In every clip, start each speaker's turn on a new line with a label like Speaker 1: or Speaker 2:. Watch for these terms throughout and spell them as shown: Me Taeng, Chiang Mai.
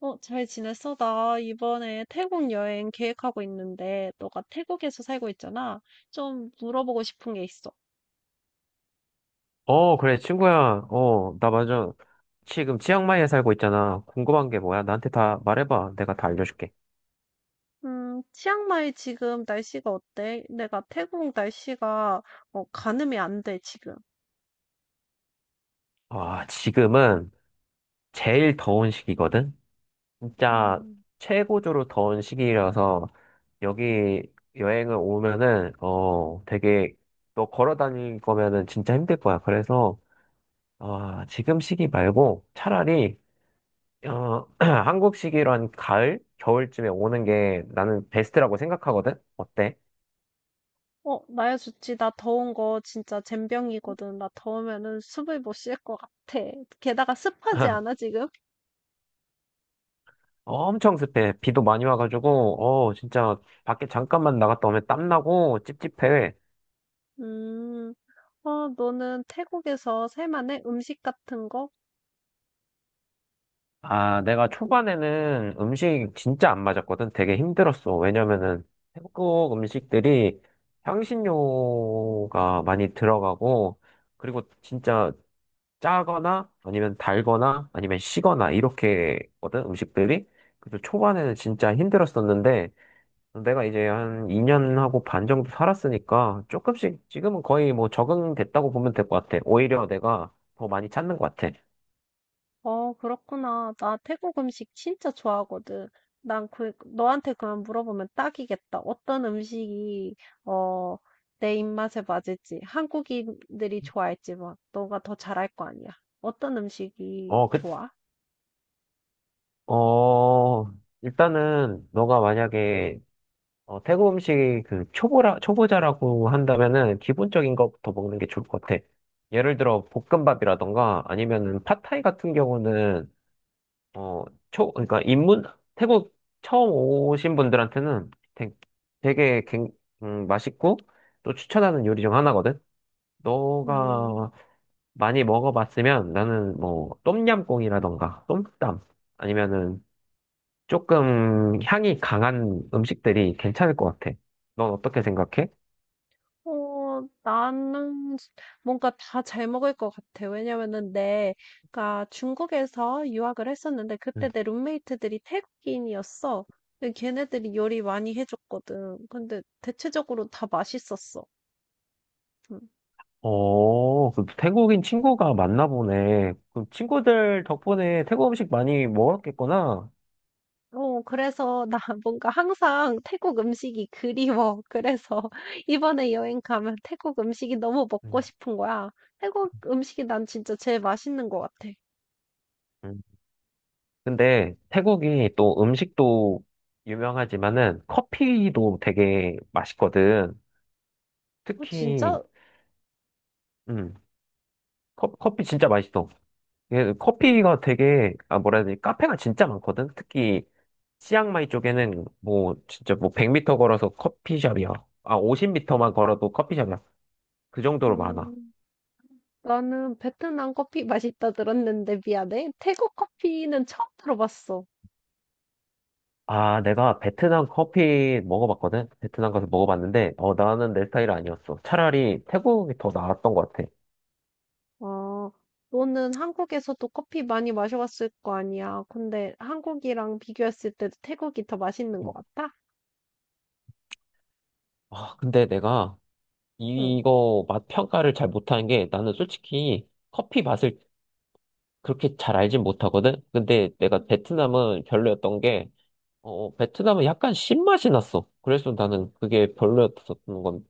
Speaker 1: 잘 지냈어? 나 이번에 태국 여행 계획하고 있는데, 너가 태국에서 살고 있잖아. 좀 물어보고 싶은 게 있어.
Speaker 2: 어, 그래, 친구야. 어, 나 맞아. 지금 치앙마이에 살고 있잖아. 궁금한 게 뭐야? 나한테 다 말해봐. 내가 다 알려줄게.
Speaker 1: 치앙마이 지금 날씨가 어때? 내가 태국 날씨가, 가늠이 안 돼, 지금.
Speaker 2: 아, 지금은 제일 더운 시기거든? 진짜
Speaker 1: 음.
Speaker 2: 최고조로 더운 시기라서 여기 여행을 오면은, 되게 너 걸어 다닐 거면은 진짜 힘들 거야. 그래서, 아, 지금 시기 말고 차라리, 한국 시기로 한 가을? 겨울쯤에 오는 게 나는 베스트라고 생각하거든? 어때?
Speaker 1: 어, 나야 좋지. 나 더운 거 진짜 젬병이거든. 나 더우면은 숨을 못 쉴 것 같아. 게다가 습하지 않아, 지금?
Speaker 2: 어, 엄청 습해. 비도 많이 와가지고, 진짜 밖에 잠깐만 나갔다 오면 땀나고 찝찝해.
Speaker 1: 음. 너는 태국에서 살만해? 음식 같은 거?
Speaker 2: 아, 내가 초반에는 음식 진짜 안 맞았거든. 되게 힘들었어. 왜냐면은 태국 음식들이 향신료가 많이 들어가고, 그리고 진짜 짜거나 아니면 달거나 아니면 시거나 이렇게거든, 음식들이. 그래서 초반에는 진짜 힘들었었는데, 내가 이제 한 2년하고 반 정도 살았으니까 조금씩 지금은 거의 뭐 적응됐다고 보면 될 것 같아. 오히려 내가 더 많이 찾는 것 같아.
Speaker 1: 어, 그렇구나. 나 태국 음식 진짜 좋아하거든. 난 그, 너한테 그만 물어보면 딱이겠다. 어떤 음식이, 어, 내 입맛에 맞을지, 한국인들이 좋아할지 막, 너가 더 잘할 거 아니야. 어떤 음식이
Speaker 2: 어, 그,
Speaker 1: 좋아?
Speaker 2: 어, 일단은 너가 만약에 태국 음식 그 초보자라고 한다면은 기본적인 것부터 먹는 게 좋을 것 같아. 예를 들어 볶음밥이라던가 아니면은 팟타이 같은 경우는 어, 그러니까 태국 처음 오신 분들한테는 되게 맛있고 또 추천하는 요리 중 하나거든?
Speaker 1: 음.
Speaker 2: 너가 많이 먹어봤으면 나는 뭐 똠얌꿍이라던가 똠땀 아니면은 조금 향이 강한 음식들이 괜찮을 것 같아. 넌 어떻게 생각해?
Speaker 1: 나는 뭔가 다 잘 먹을 것 같아. 왜냐면은 내가 중국에서 유학을 했었는데
Speaker 2: 음.
Speaker 1: 그때 내 룸메이트들이 태국인이었어. 근데 걔네들이 요리 많이 해줬거든. 근데 대체적으로 다 맛있었어. 음.
Speaker 2: 어, 그 태국인 친구가 많나 보네. 그 친구들 덕분에 태국 음식 많이 먹었겠구나.
Speaker 1: 어, 그래서 나 뭔가 항상 태국 음식이 그리워. 그래서 이번에 여행 가면 태국 음식이 너무 먹고 싶은 거야. 태국 음식이 난 진짜 제일 맛있는 것 같아.
Speaker 2: 음. 근데 태국이 또 음식도 유명하지만은 커피도 되게 맛있거든.
Speaker 1: 어,
Speaker 2: 특히,
Speaker 1: 진짜?
Speaker 2: 음, 커피 진짜 맛있어. 예, 커피가 되게, 아, 뭐라 해야 되지? 카페가 진짜 많거든. 특히, 치앙마이 쪽에는 뭐, 진짜 뭐 100m 걸어서 커피숍이야. 아, 50m만 걸어도 커피숍이야. 그 정도로 많아.
Speaker 1: 음. 나는 베트남 커피 맛있다 들었는데 미안해. 태국 커피는 처음 들어봤어.
Speaker 2: 아, 내가 베트남 커피 먹어봤거든? 베트남 가서 먹어봤는데, 나는 내 스타일 아니었어. 차라리 태국이 더 나았던 것 같아.
Speaker 1: 아, 너는 한국에서도 커피 많이 마셔봤을 거 아니야. 근데 한국이랑 비교했을 때도 태국이 더 맛있는 것 같아?
Speaker 2: 아, 근데 내가
Speaker 1: 응.
Speaker 2: 이거 맛 평가를 잘 못하는 게 나는 솔직히 커피 맛을 그렇게 잘 알진 못하거든? 근데 내가
Speaker 1: 응.
Speaker 2: 베트남은 별로였던 게, 베트남은 약간 신맛이 났어. 그래서 나는 그게 별로였었던 건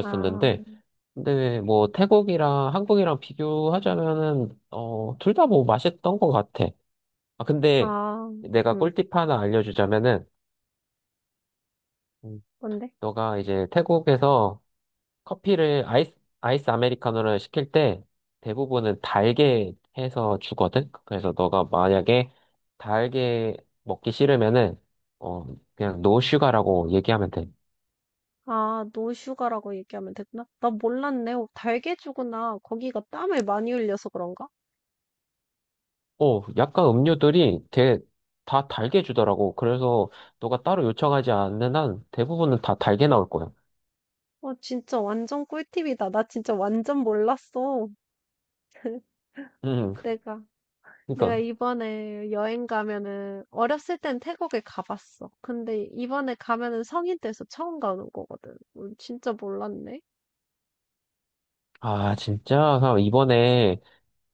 Speaker 1: 아,
Speaker 2: 근데 뭐 태국이랑 한국이랑 비교하자면은, 둘 다 뭐 맛있던 것 같아. 아, 근데
Speaker 1: 아,
Speaker 2: 내가
Speaker 1: 응.
Speaker 2: 꿀팁 하나 알려주자면은, 음,
Speaker 1: 뭔데?
Speaker 2: 너가 이제 태국에서 커피를 아이스 아메리카노를 시킬 때 대부분은 달게 해서 주거든? 그래서 너가 만약에 달게 먹기 싫으면은, 어, 그냥 노 슈가라고 얘기하면 돼.
Speaker 1: 아, 노슈가라고 얘기하면 됐나? 나 몰랐네. 어, 달개주구나. 거기가 땀을 많이 흘려서 그런가?
Speaker 2: 약간 음료들이 되게 다 달게 주더라고. 그래서 너가 따로 요청하지 않는 한 대부분은 다 달게 나올 거야.
Speaker 1: 어, 진짜 완전 꿀팁이다. 나 진짜 완전 몰랐어.
Speaker 2: 음,
Speaker 1: 내가. 내가
Speaker 2: 그러니까.
Speaker 1: 이번에 여행 가면은 어렸을 땐 태국에 가봤어. 근데 이번에 가면은 성인 돼서 처음 가는 거거든. 진짜 몰랐네.
Speaker 2: 아, 진짜? 그럼 이번에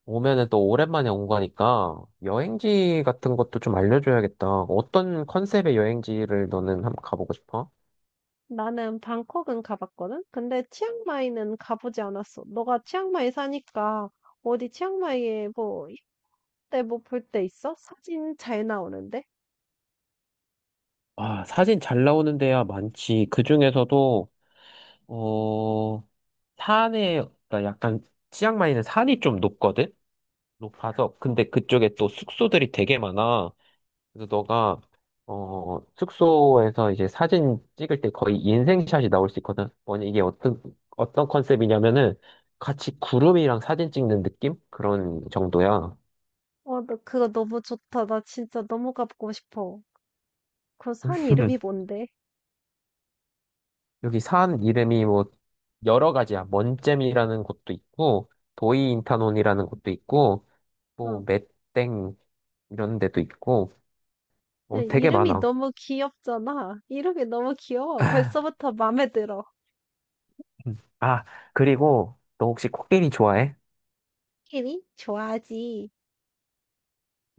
Speaker 2: 오면은 또 오랜만에 온 거니까 여행지 같은 것도 좀 알려줘야겠다. 어떤 컨셉의 여행지를 너는 한번 가보고 싶어?
Speaker 1: 나는 방콕은 가봤거든. 근데 치앙마이는 가보지 않았어. 너가 치앙마이 사니까 어디 치앙마이에 뭐 이때 뭐 볼 때 있어? 사진 잘 나오는데?
Speaker 2: 아, 사진 잘 나오는 데야 많지. 그 중에서도, 어, 산에, 그러니까 약간, 치앙마이는 산이 좀 높거든? 높아서.
Speaker 1: 어,
Speaker 2: 근데 그쪽에 또 숙소들이 되게 많아. 그래서 너가 숙소에서 이제 사진 찍을 때 거의 인생샷이 나올 수 있거든. 뭐냐 이게 어떤 컨셉이냐면은 같이 구름이랑 사진 찍는 느낌 그런 정도야.
Speaker 1: 어, 너 그거 너무 좋다. 나 진짜 너무 가보고 싶어. 그 산 이름이 뭔데?
Speaker 2: 여기 산 이름이 뭐 여러 가지야. 먼잼이라는 곳도 있고 도이인타논이라는 곳도 있고
Speaker 1: 어.
Speaker 2: 뭐 메땡 이런 데도 있고
Speaker 1: 네,
Speaker 2: 되게
Speaker 1: 이름이
Speaker 2: 많아.
Speaker 1: 너무 귀엽잖아. 이름이 너무 귀여워. 벌써부터 마음에 들어.
Speaker 2: 아 그리고 너 혹시 코끼리 좋아해?
Speaker 1: 코끼리? 좋아하지.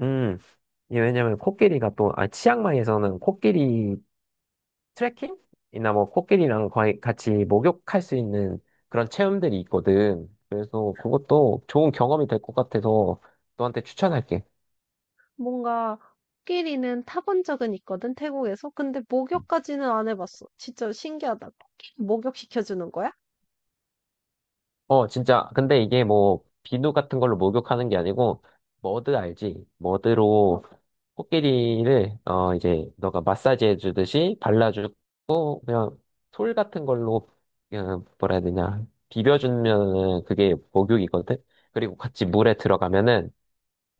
Speaker 2: 음. 이게 왜냐면 코끼리가 또, 치앙마이에서는 코끼리 트레킹이나 뭐 코끼리랑 거의 같이 목욕할 수 있는 그런 체험들이 있거든. 그래서 그것도 좋은 경험이 될 것 같아서 너한테 추천할게.
Speaker 1: 뭔가 코끼리는 타본 적은 있거든, 태국에서. 근데 목욕까지는 안 해봤어. 진짜 신기하다. 코끼리 목욕시켜주는 거야?
Speaker 2: 어, 진짜. 근데 이게 뭐 비누 같은 걸로 목욕하는 게 아니고 머드 알지? 머드로
Speaker 1: 어,
Speaker 2: 코끼리를 이제 너가 마사지 해주듯이 발라주고 그냥 솔 같은 걸로 그냥 뭐라 해야 되냐
Speaker 1: 음.
Speaker 2: 비벼주면은 그게 목욕이거든. 그리고 같이 물에 들어가면은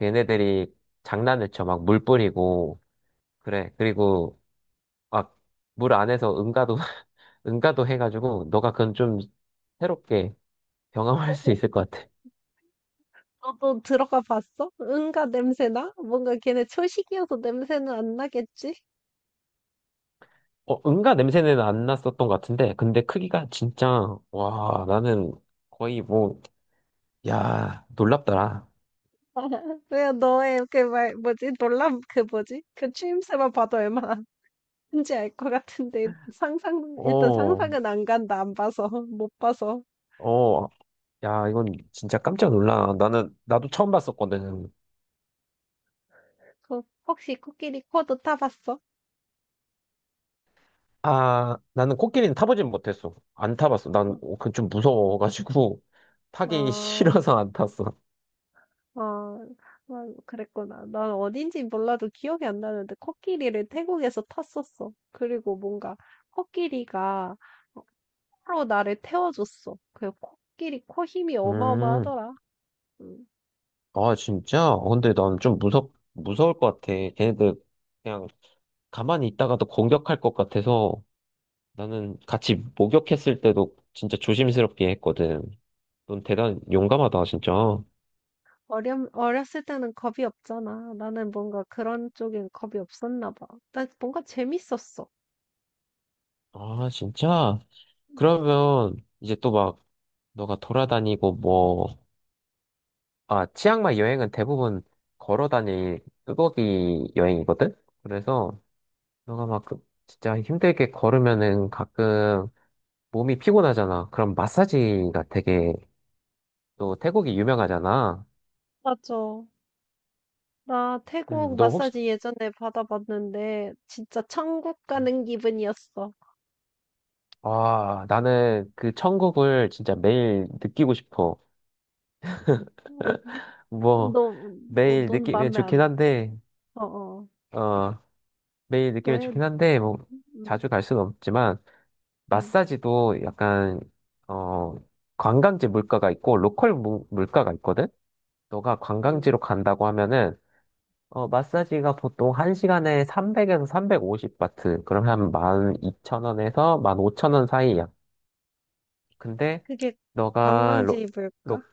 Speaker 2: 얘네들이 장난을 쳐 막 물 뿌리고 그래. 그리고 막 물 안에서 응가도 응가도 해가지고 너가 그건 좀 새롭게 경험할 수 있을 것 같아.
Speaker 1: 너도 들어가 봤어? 응가 냄새나? 뭔가 걔네 초식이어서 냄새는 안 나겠지?
Speaker 2: 어, 응가 냄새는 안 났었던 것 같은데, 근데 크기가 진짜, 와, 나는 거의 뭐, 야, 놀랍더라.
Speaker 1: 왜 너의 그 말, 뭐지? 놀람, 그 뭐지? 그 추임새만 봐도 얼마나 큰지 알 것 같은데, 상상, 일단
Speaker 2: 어,
Speaker 1: 상상은 안 간다. 안 봐서, 못 봐서.
Speaker 2: 어, 야, 이건 진짜 깜짝 놀라. 나도 처음 봤었거든.
Speaker 1: 그, 혹시 코끼리 코도 타봤어?
Speaker 2: 아, 나는 코끼리는 타보진 못했어. 안 타봤어. 난 그 좀 무서워가지고 타기
Speaker 1: 어,
Speaker 2: 싫어서 안 탔어.
Speaker 1: 어, 어, 그랬구나. 난 어딘지 몰라도 기억이 안 나는데, 코끼리를 태국에서 탔었어. 그리고 뭔가, 코끼리가, 코로 나를 태워줬어. 그 코끼리 코 힘이
Speaker 2: 음,
Speaker 1: 어마어마하더라. 음.
Speaker 2: 아, 진짜? 어, 근데 난 좀 무서울 것 같아. 걔네들 그냥 가만히 있다가도 공격할 것 같아서 나는 같이 목욕했을 때도 진짜 조심스럽게 했거든. 넌 대단 용감하다, 진짜.
Speaker 1: 어렸을 때는 겁이 없잖아. 나는 뭔가 그런 쪽엔 겁이 없었나 봐. 나 뭔가 재밌었어.
Speaker 2: 아, 진짜?
Speaker 1: 음,
Speaker 2: 그러면 이제 또 막 너가 돌아다니고 뭐, 치앙마이 여행은 대부분 걸어 다닐 뚜벅이 여행이거든? 그래서 너가 막 진짜 힘들게 걸으면은 가끔 몸이 피곤하잖아. 그럼 마사지가 되게 또 태국이 유명하잖아.
Speaker 1: 맞아. 나 태국
Speaker 2: 너 혹시,
Speaker 1: 마사지 예전에 받아봤는데 진짜 천국
Speaker 2: 음.
Speaker 1: 가는 기분이었어.
Speaker 2: 아, 나는 그 천국을 진짜 매일 느끼고 싶어.
Speaker 1: 음. 너,
Speaker 2: 뭐,
Speaker 1: 어,
Speaker 2: 매일
Speaker 1: 넌
Speaker 2: 느끼면
Speaker 1: 맘에
Speaker 2: 좋긴
Speaker 1: 안,
Speaker 2: 한데,
Speaker 1: 어, 어.
Speaker 2: 어, 매일 느끼면
Speaker 1: 왜?
Speaker 2: 좋긴 한데, 뭐,
Speaker 1: 음,
Speaker 2: 자주 갈 수는 없지만,
Speaker 1: 음,
Speaker 2: 마사지도 약간 어 관광지 물가가 있고 로컬 물가가 있거든. 너가 관광지로
Speaker 1: 음.
Speaker 2: 간다고 하면은 마사지가 보통 1시간에 300에서 350 바트. 그럼 한 12,000원에서 15,000원 사이야. 근데
Speaker 1: 그게
Speaker 2: 너가
Speaker 1: 관광지 물까
Speaker 2: 로,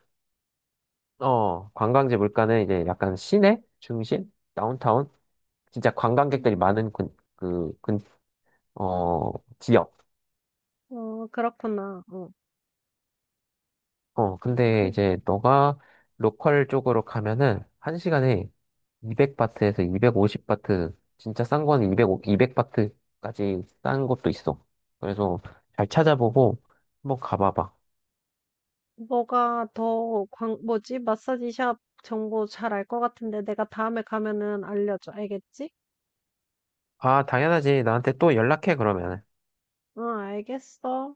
Speaker 2: 관광지 물가는 이제 약간 시내 중심 다운타운 진짜 관광객들이 많은 어, 지역.
Speaker 1: 어, 그렇구나. 어,
Speaker 2: 근데
Speaker 1: 그,
Speaker 2: 이제 너가 로컬 쪽으로 가면은 1시간에 200바트에서 250바트, 진짜 싼 거는 200바트까지 싼 것도 있어. 그래서 잘 찾아보고 한번 가봐봐.
Speaker 1: 너가 더 광, 뭐지? 마사지샵 정보 잘 알 것 같은데 내가 다음에 가면은 알려줘. 알겠지?
Speaker 2: 아, 당연하지. 나한테 또 연락해, 그러면.
Speaker 1: 응, 알겠어.